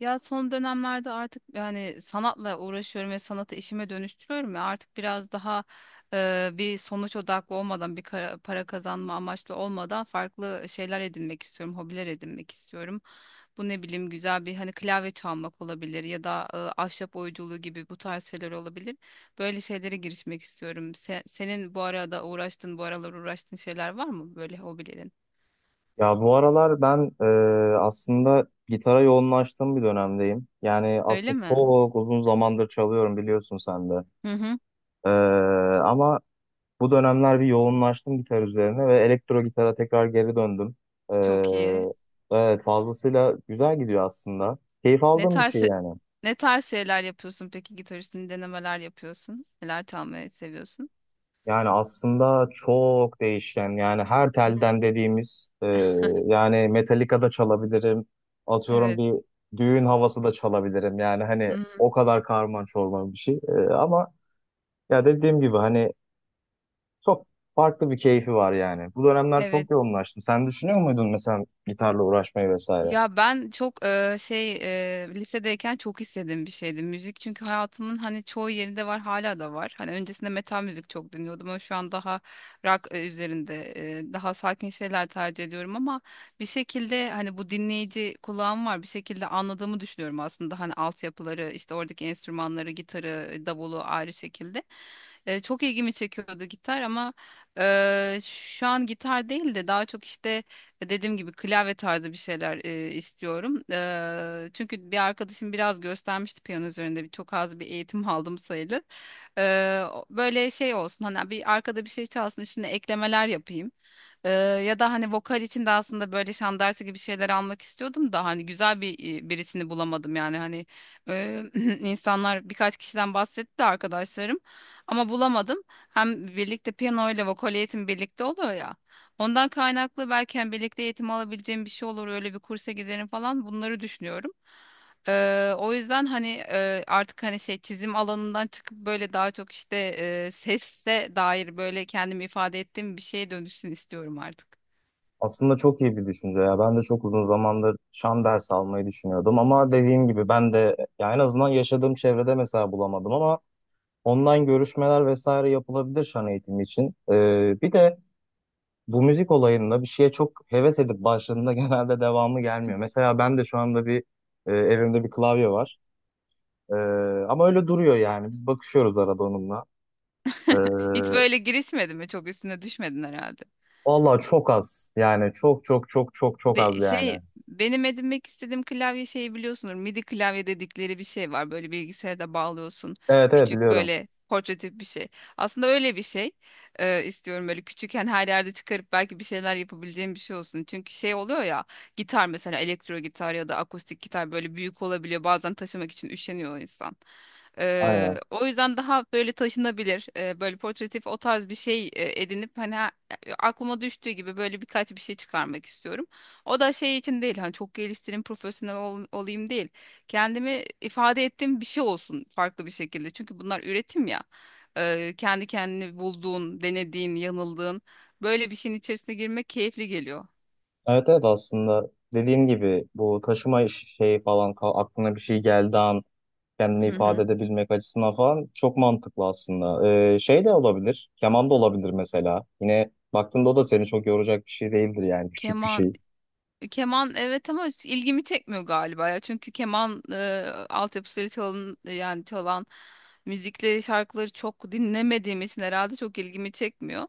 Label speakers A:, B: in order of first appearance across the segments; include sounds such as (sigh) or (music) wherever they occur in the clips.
A: Ya son dönemlerde artık yani sanatla uğraşıyorum ve sanatı işime dönüştürüyorum ya artık biraz daha bir sonuç odaklı olmadan bir para kazanma amaçlı olmadan farklı şeyler edinmek istiyorum, hobiler edinmek istiyorum. Bu ne bileyim güzel bir hani klavye çalmak olabilir ya da ahşap oyunculuğu gibi bu tarz şeyler olabilir. Böyle şeylere girişmek istiyorum. Senin bu arada uğraştığın, bu aralar uğraştığın şeyler var mı böyle hobilerin?
B: Ya bu aralar ben aslında gitara yoğunlaştığım bir dönemdeyim. Yani
A: Öyle
B: aslında
A: mi?
B: çok uzun zamandır çalıyorum, biliyorsun sen de.
A: Hı hı.
B: E, Ama bu dönemler bir yoğunlaştım gitar üzerine ve elektro gitara tekrar geri döndüm. E,
A: Çok iyi.
B: evet, fazlasıyla güzel gidiyor aslında. Keyif
A: Ne
B: aldığım bir şey
A: tarz
B: yani.
A: Ne tarz şeyler yapıyorsun peki gitar üstünde denemeler yapıyorsun? Neler çalmayı seviyorsun?
B: Yani aslında çok değişken. Yani her
A: Hı.
B: telden dediğimiz, yani Metallica da çalabilirim. Atıyorum,
A: Evet.
B: bir düğün havası da çalabilirim. Yani hani
A: Hmm,
B: o kadar karman çorman bir şey. Ama ya dediğim gibi hani çok farklı bir keyfi var yani. Bu dönemler
A: evet.
B: çok yoğunlaştım. Sen düşünüyor muydun mesela gitarla uğraşmayı vesaire?
A: Ya ben çok lisedeyken çok istediğim bir şeydi müzik, çünkü hayatımın hani çoğu yerinde var, hala da var. Hani öncesinde metal müzik çok dinliyordum ama şu an daha rock üzerinde daha sakin şeyler tercih ediyorum ama bir şekilde hani bu dinleyici kulağım var, bir şekilde anladığımı düşünüyorum aslında hani altyapıları, işte oradaki enstrümanları, gitarı, davulu ayrı şekilde. Çok ilgimi çekiyordu gitar ama şu an gitar değil de daha çok işte dediğim gibi klavye tarzı bir şeyler istiyorum. Çünkü bir arkadaşım biraz göstermişti piyano üzerinde. Çok az bir eğitim (laughs) aldım sayılır. Böyle şey olsun hani, bir arkada bir şey çalsın, üstüne eklemeler yapayım. Ya da hani vokal için de aslında böyle şan dersi gibi şeyler almak istiyordum da hani güzel bir birisini bulamadım yani hani eee, (clears throat) insanlar birkaç kişiden bahsetti de arkadaşlarım, ama bulamadım. Hem birlikte piyano ile vokal eğitim birlikte oluyor ya. Ondan kaynaklı belki hani birlikte eğitim alabileceğim bir şey olur, öyle bir kursa giderim falan, bunları düşünüyorum. O yüzden hani artık hani şey, çizim alanından çıkıp böyle daha çok işte sesse dair böyle kendimi ifade ettiğim bir şeye dönüşsün istiyorum artık.
B: Aslında çok iyi bir düşünce ya. Ben de çok uzun zamandır şan dersi almayı düşünüyordum ama dediğim gibi ben de ya en azından yaşadığım çevrede mesela bulamadım ama online görüşmeler vesaire yapılabilir şan eğitimi için. Bir de bu müzik olayında bir şeye çok heves edip başladığında (laughs) genelde devamı gelmiyor. Mesela ben de şu anda bir evimde bir klavye var. Ee, Ama öyle duruyor yani. Biz bakışıyoruz arada onunla. Ee,
A: Hiç böyle girişmedin mi? Çok üstüne düşmedin herhalde.
B: Vallahi çok az. Yani çok çok çok çok çok az
A: Be-
B: yani.
A: şey Benim edinmek istediğim klavye şeyi biliyorsunuz. MIDI klavye dedikleri bir şey var. Böyle bilgisayarda bağlıyorsun.
B: Evet, evet,
A: Küçük
B: biliyorum.
A: böyle portatif bir şey. Aslında öyle bir şey istiyorum, böyle küçük, yani her yerde çıkarıp belki bir şeyler yapabileceğim bir şey olsun. Çünkü şey oluyor ya, gitar mesela, elektro gitar ya da akustik gitar böyle büyük olabiliyor. Bazen taşımak için üşeniyor insan.
B: Aynen.
A: O yüzden daha böyle taşınabilir, böyle portatif, o tarz bir şey edinip hani aklıma düştüğü gibi böyle birkaç bir şey çıkarmak istiyorum. O da şey için değil, hani çok geliştireyim, profesyonel olayım değil. Kendimi ifade ettiğim bir şey olsun farklı bir şekilde. Çünkü bunlar üretim ya. Kendi kendini bulduğun, denediğin, yanıldığın böyle bir şeyin içerisine girmek keyifli geliyor.
B: Evet, evet, aslında dediğim gibi bu taşıma iş- şey falan ka- aklına bir şey geldi an kendini
A: Hı
B: ifade
A: hı.
B: edebilmek açısından falan çok mantıklı aslında. Şey de olabilir, keman da olabilir mesela. Yine baktığında o da seni çok yoracak bir şey değildir yani, küçük bir
A: Keman.
B: şey.
A: Keman, evet ama hiç ilgimi çekmiyor galiba ya. Çünkü keman altyapısıyla çalın, yani çalan müzikleri, şarkıları çok dinlemediğim için herhalde çok ilgimi çekmiyor.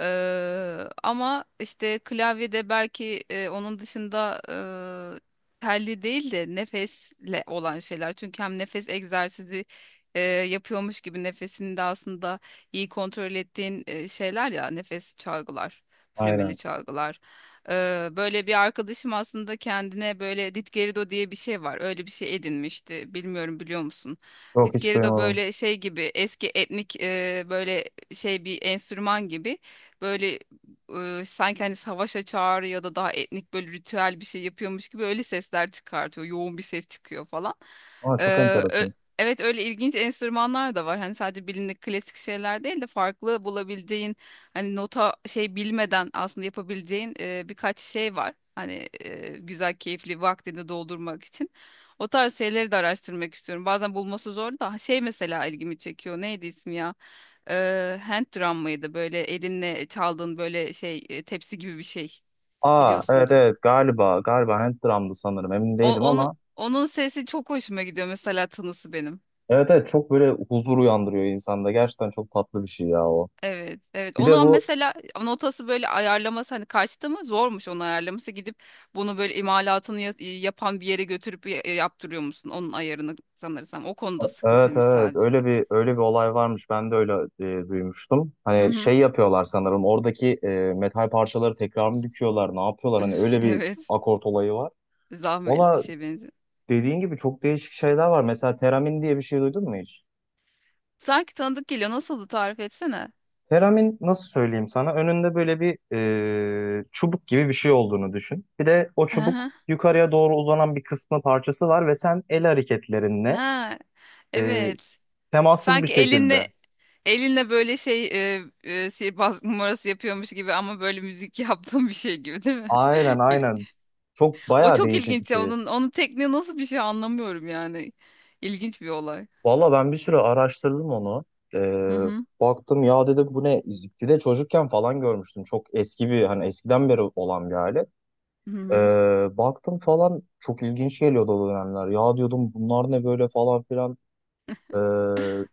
A: Ama işte klavyede belki, onun dışında telli değil de nefesle olan şeyler. Çünkü hem nefes egzersizi yapıyormuş gibi nefesini de aslında iyi kontrol ettiğin şeyler ya, nefes çalgılar, flümeli
B: Aynen.
A: çalgılar. Böyle bir arkadaşım aslında kendine böyle Ditgerido diye bir şey var. Öyle bir şey edinmişti. Bilmiyorum, biliyor musun?
B: Yok, hiç
A: Ditgerido
B: duymadım.
A: böyle şey gibi, eski etnik böyle şey bir enstrüman gibi. Böyle sanki hani savaşa çağrı ya da daha etnik böyle ritüel bir şey yapıyormuş gibi öyle sesler çıkartıyor. Yoğun bir ses çıkıyor falan.
B: Aa, çok
A: Ee, ö-
B: enteresan.
A: evet, öyle ilginç enstrümanlar da var. Hani sadece bilindik klasik şeyler değil de farklı bulabildiğin, hani nota şey bilmeden aslında yapabileceğin birkaç şey var. Hani güzel, keyifli vaktini doldurmak için. O tarz şeyleri de araştırmak istiyorum. Bazen bulması zor da şey mesela ilgimi çekiyor. Neydi ismi ya? Hand drum mıydı? Böyle elinle çaldığın böyle şey, tepsi gibi bir şey,
B: Aa, evet,
A: biliyorsundur.
B: evet, galiba hand drum'dı, sanırım emin
A: O,
B: değilim
A: onu
B: ama
A: Onun sesi çok hoşuma gidiyor mesela, tınısı benim.
B: evet, evet, çok böyle huzur uyandırıyor insanda. Gerçekten çok tatlı bir şey ya o.
A: Evet, evet.
B: Bir de
A: Onu
B: bu.
A: mesela, notası, böyle ayarlaması hani kaçtı mı, zormuş onu ayarlaması, gidip bunu böyle imalatını yapan bir yere götürüp yaptırıyor musun? Onun ayarını sanırsam o konuda
B: Evet,
A: sıkıntıymış
B: evet,
A: sadece.
B: öyle bir olay varmış, ben de öyle duymuştum.
A: Hı
B: Hani
A: hı.
B: şey yapıyorlar sanırım, oradaki metal parçaları tekrar mı dikiyorlar, ne yapıyorlar, hani
A: (laughs)
B: öyle bir
A: Evet.
B: akort olayı var.
A: Zahmetli bir
B: Valla,
A: şey benziyor.
B: dediğin gibi çok değişik şeyler var. Mesela teramin diye bir şey duydun mu hiç?
A: Sanki tanıdık geliyor. Nasıldı, tarif etsene.
B: Teramin, nasıl söyleyeyim sana, önünde böyle bir çubuk gibi bir şey olduğunu düşün. Bir de o çubuk
A: Hı.
B: yukarıya doğru uzanan bir kısmı, parçası var ve sen el hareketlerinle
A: Ha.
B: e,
A: Evet.
B: temassız bir
A: Sanki
B: şekilde.
A: elinle böyle sihirbaz numarası yapıyormuş gibi ama böyle müzik (laughs) yaptığım bir şey gibi, değil mi?
B: Aynen,
A: (laughs)
B: aynen. Çok
A: O
B: bayağı
A: çok
B: değişik bir
A: ilginç ya,
B: şey.
A: onun tekniği nasıl bir şey anlamıyorum yani. İlginç bir olay.
B: Valla, ben bir süre araştırdım onu.
A: Hı
B: Ee,
A: hı.
B: Baktım, ya dedim bu ne? Bir de çocukken falan görmüştüm. Çok eski bir, hani eskiden beri olan bir alet.
A: Hı hı.
B: Baktım falan, çok ilginç geliyordu o dönemler. Ya diyordum bunlar ne böyle falan filan. Ee,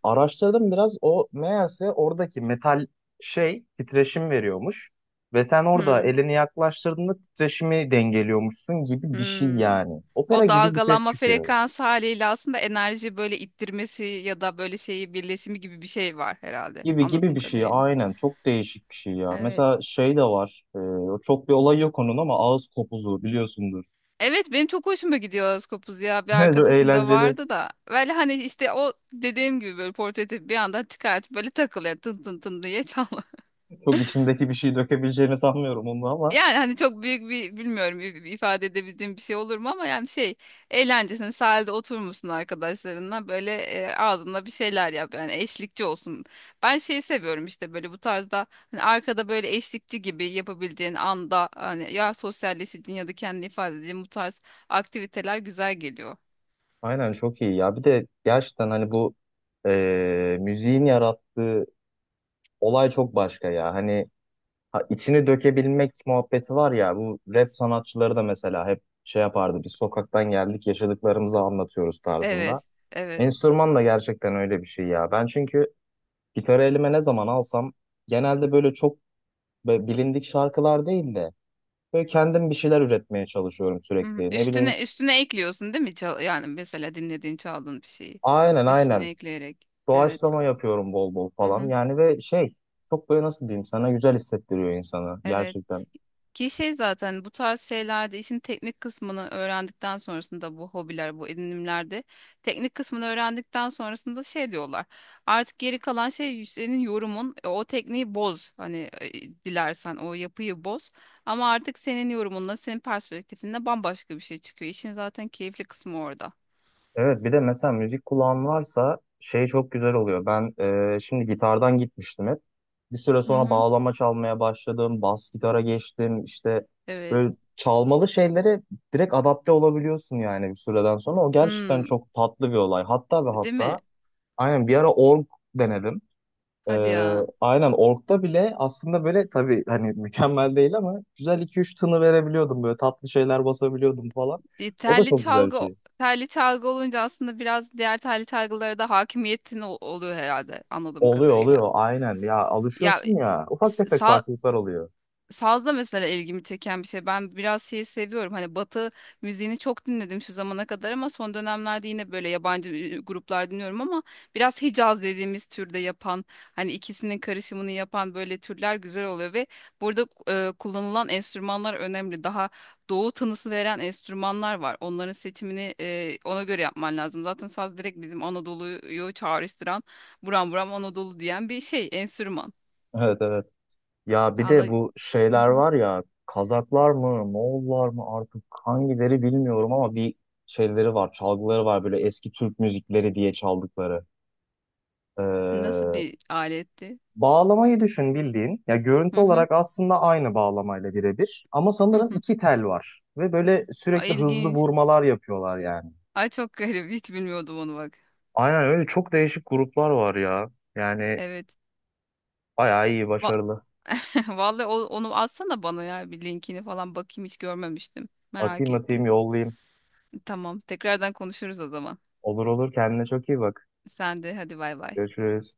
B: Araştırdım biraz, o meğerse oradaki metal şey titreşim veriyormuş. Ve sen orada
A: Hı
B: elini yaklaştırdığında titreşimi dengeliyormuşsun gibi bir şey
A: hı.
B: yani. Opera
A: O
B: gibi bir ses
A: dalgalanma
B: çıkıyor.
A: frekansı haliyle aslında enerji böyle ittirmesi ya da böyle şeyi birleşimi gibi bir şey var herhalde,
B: Gibi gibi
A: anladığım
B: bir şey,
A: kadarıyla.
B: aynen, çok değişik bir şey ya.
A: Evet.
B: Mesela şey de var, çok bir olay yok onun ama ağız kopuzu biliyorsundur.
A: Evet, benim çok hoşuma gidiyor Askopuz ya, bir
B: (laughs) Çok
A: arkadaşım da
B: eğlenceli,
A: vardı da böyle, hani işte o dediğim gibi böyle portatif, bir anda çıkartıp böyle takılıyor, tın tın tın diye çal.
B: çok içindeki bir şey dökebileceğini sanmıyorum onu ama
A: Yani hani çok büyük bir, bilmiyorum, ifade edebildiğim bir şey olur mu ama yani şey, eğlencesine sahilde oturmuşsun arkadaşlarınla, böyle ağzında bir şeyler yap, yani eşlikçi olsun. Ben şeyi seviyorum işte, böyle bu tarzda hani arkada böyle eşlikçi gibi yapabildiğin anda, hani ya sosyalleşeceğin ya da kendini ifade edeceğin bu tarz aktiviteler güzel geliyor.
B: aynen, çok iyi ya. Bir de gerçekten hani bu müziğin yarattığı olay çok başka ya. Hani ha, içini dökebilmek muhabbeti var ya, bu rap sanatçıları da mesela hep şey yapardı, biz sokaktan geldik yaşadıklarımızı anlatıyoruz tarzında.
A: Evet, evet.
B: Enstrüman da gerçekten öyle bir şey ya. Ben çünkü gitarı elime ne zaman alsam genelde böyle çok böyle bilindik şarkılar değil de böyle kendim bir şeyler üretmeye çalışıyorum
A: Hı hı.
B: sürekli. Ne bileyim,
A: Üstüne üstüne ekliyorsun, değil mi? Yani mesela dinlediğin, çaldığın bir şeyi
B: aynen,
A: üstüne
B: aynen,
A: ekleyerek. Evet.
B: doğaçlama yapıyorum bol bol
A: Hı
B: falan
A: hı.
B: yani, ve şey, çok böyle nasıl diyeyim sana, güzel hissettiriyor insanı
A: Evet.
B: gerçekten.
A: Ki şey zaten, bu tarz şeylerde işin teknik kısmını öğrendikten sonrasında, bu hobiler, bu edinimlerde teknik kısmını öğrendikten sonrasında şey diyorlar. Artık geri kalan şey senin yorumun. O tekniği boz. Hani dilersen o yapıyı boz. Ama artık senin yorumunla, senin perspektifinle bambaşka bir şey çıkıyor. İşin zaten keyifli kısmı orada.
B: Evet, bir de mesela müzik kulağın varsa şey çok güzel oluyor. Ben şimdi gitardan gitmiştim hep. Bir süre
A: Hı
B: sonra
A: hı.
B: bağlama çalmaya başladım. Bas gitara geçtim. İşte
A: Evet.
B: böyle çalmalı şeylere direkt adapte olabiliyorsun yani bir süreden sonra. O gerçekten
A: Hmm,
B: çok tatlı bir olay. Hatta ve
A: değil mi?
B: hatta aynen bir ara org denedim. E,
A: Hadi ya.
B: aynen, orgda bile aslında böyle tabii hani (laughs) mükemmel değil ama güzel iki üç tını verebiliyordum. Böyle tatlı şeyler basabiliyordum falan.
A: e,
B: O da
A: telli
B: çok güzel bir
A: çalgı
B: şey.
A: Telli çalgı olunca aslında biraz diğer telli çalgılara da hakimiyetin oluyor herhalde, anladığım
B: Oluyor,
A: kadarıyla.
B: oluyor, aynen ya,
A: Ya
B: alışıyorsun ya, ufak tefek
A: sa-
B: farklılıklar oluyor.
A: Sazda mesela ilgimi çeken bir şey. Ben biraz şeyi seviyorum. Hani Batı müziğini çok dinledim şu zamana kadar ama son dönemlerde yine böyle yabancı gruplar dinliyorum ama biraz Hicaz dediğimiz türde yapan, hani ikisinin karışımını yapan böyle türler güzel oluyor ve burada kullanılan enstrümanlar önemli. Daha doğu tınısı veren enstrümanlar var. Onların seçimini ona göre yapman lazım. Zaten saz direkt bizim Anadolu'yu çağrıştıran, buram buram Anadolu diyen bir şey, enstrüman.
B: Evet, evet. Ya bir de
A: Vallahi.
B: bu şeyler var ya, Kazaklar mı Moğollar mı artık hangileri bilmiyorum ama bir şeyleri var, çalgıları var, böyle eski Türk müzikleri diye çaldıkları.
A: Nasıl
B: Ee,
A: bir aletti?
B: Bağlamayı düşün bildiğin ya,
A: Hı
B: görüntü
A: hı,
B: olarak aslında aynı bağlamayla birebir ama
A: hı
B: sanırım
A: hı.
B: iki tel var ve böyle
A: Ay,
B: sürekli hızlı
A: ilginç.
B: vurmalar yapıyorlar yani.
A: Ay, çok garip. Hiç bilmiyordum onu, bak.
B: Aynen, öyle çok değişik gruplar var ya yani,
A: Evet.
B: bayağı iyi,
A: Va
B: başarılı.
A: (laughs) Vallahi, onu atsana bana ya, bir linkini falan bakayım, hiç görmemiştim. Merak
B: Atayım, atayım,
A: ettim.
B: yollayayım.
A: Tamam. Tekrardan konuşuruz o zaman.
B: Olur, olur, kendine çok iyi bak.
A: Sen de hadi, bay bay.
B: Görüşürüz.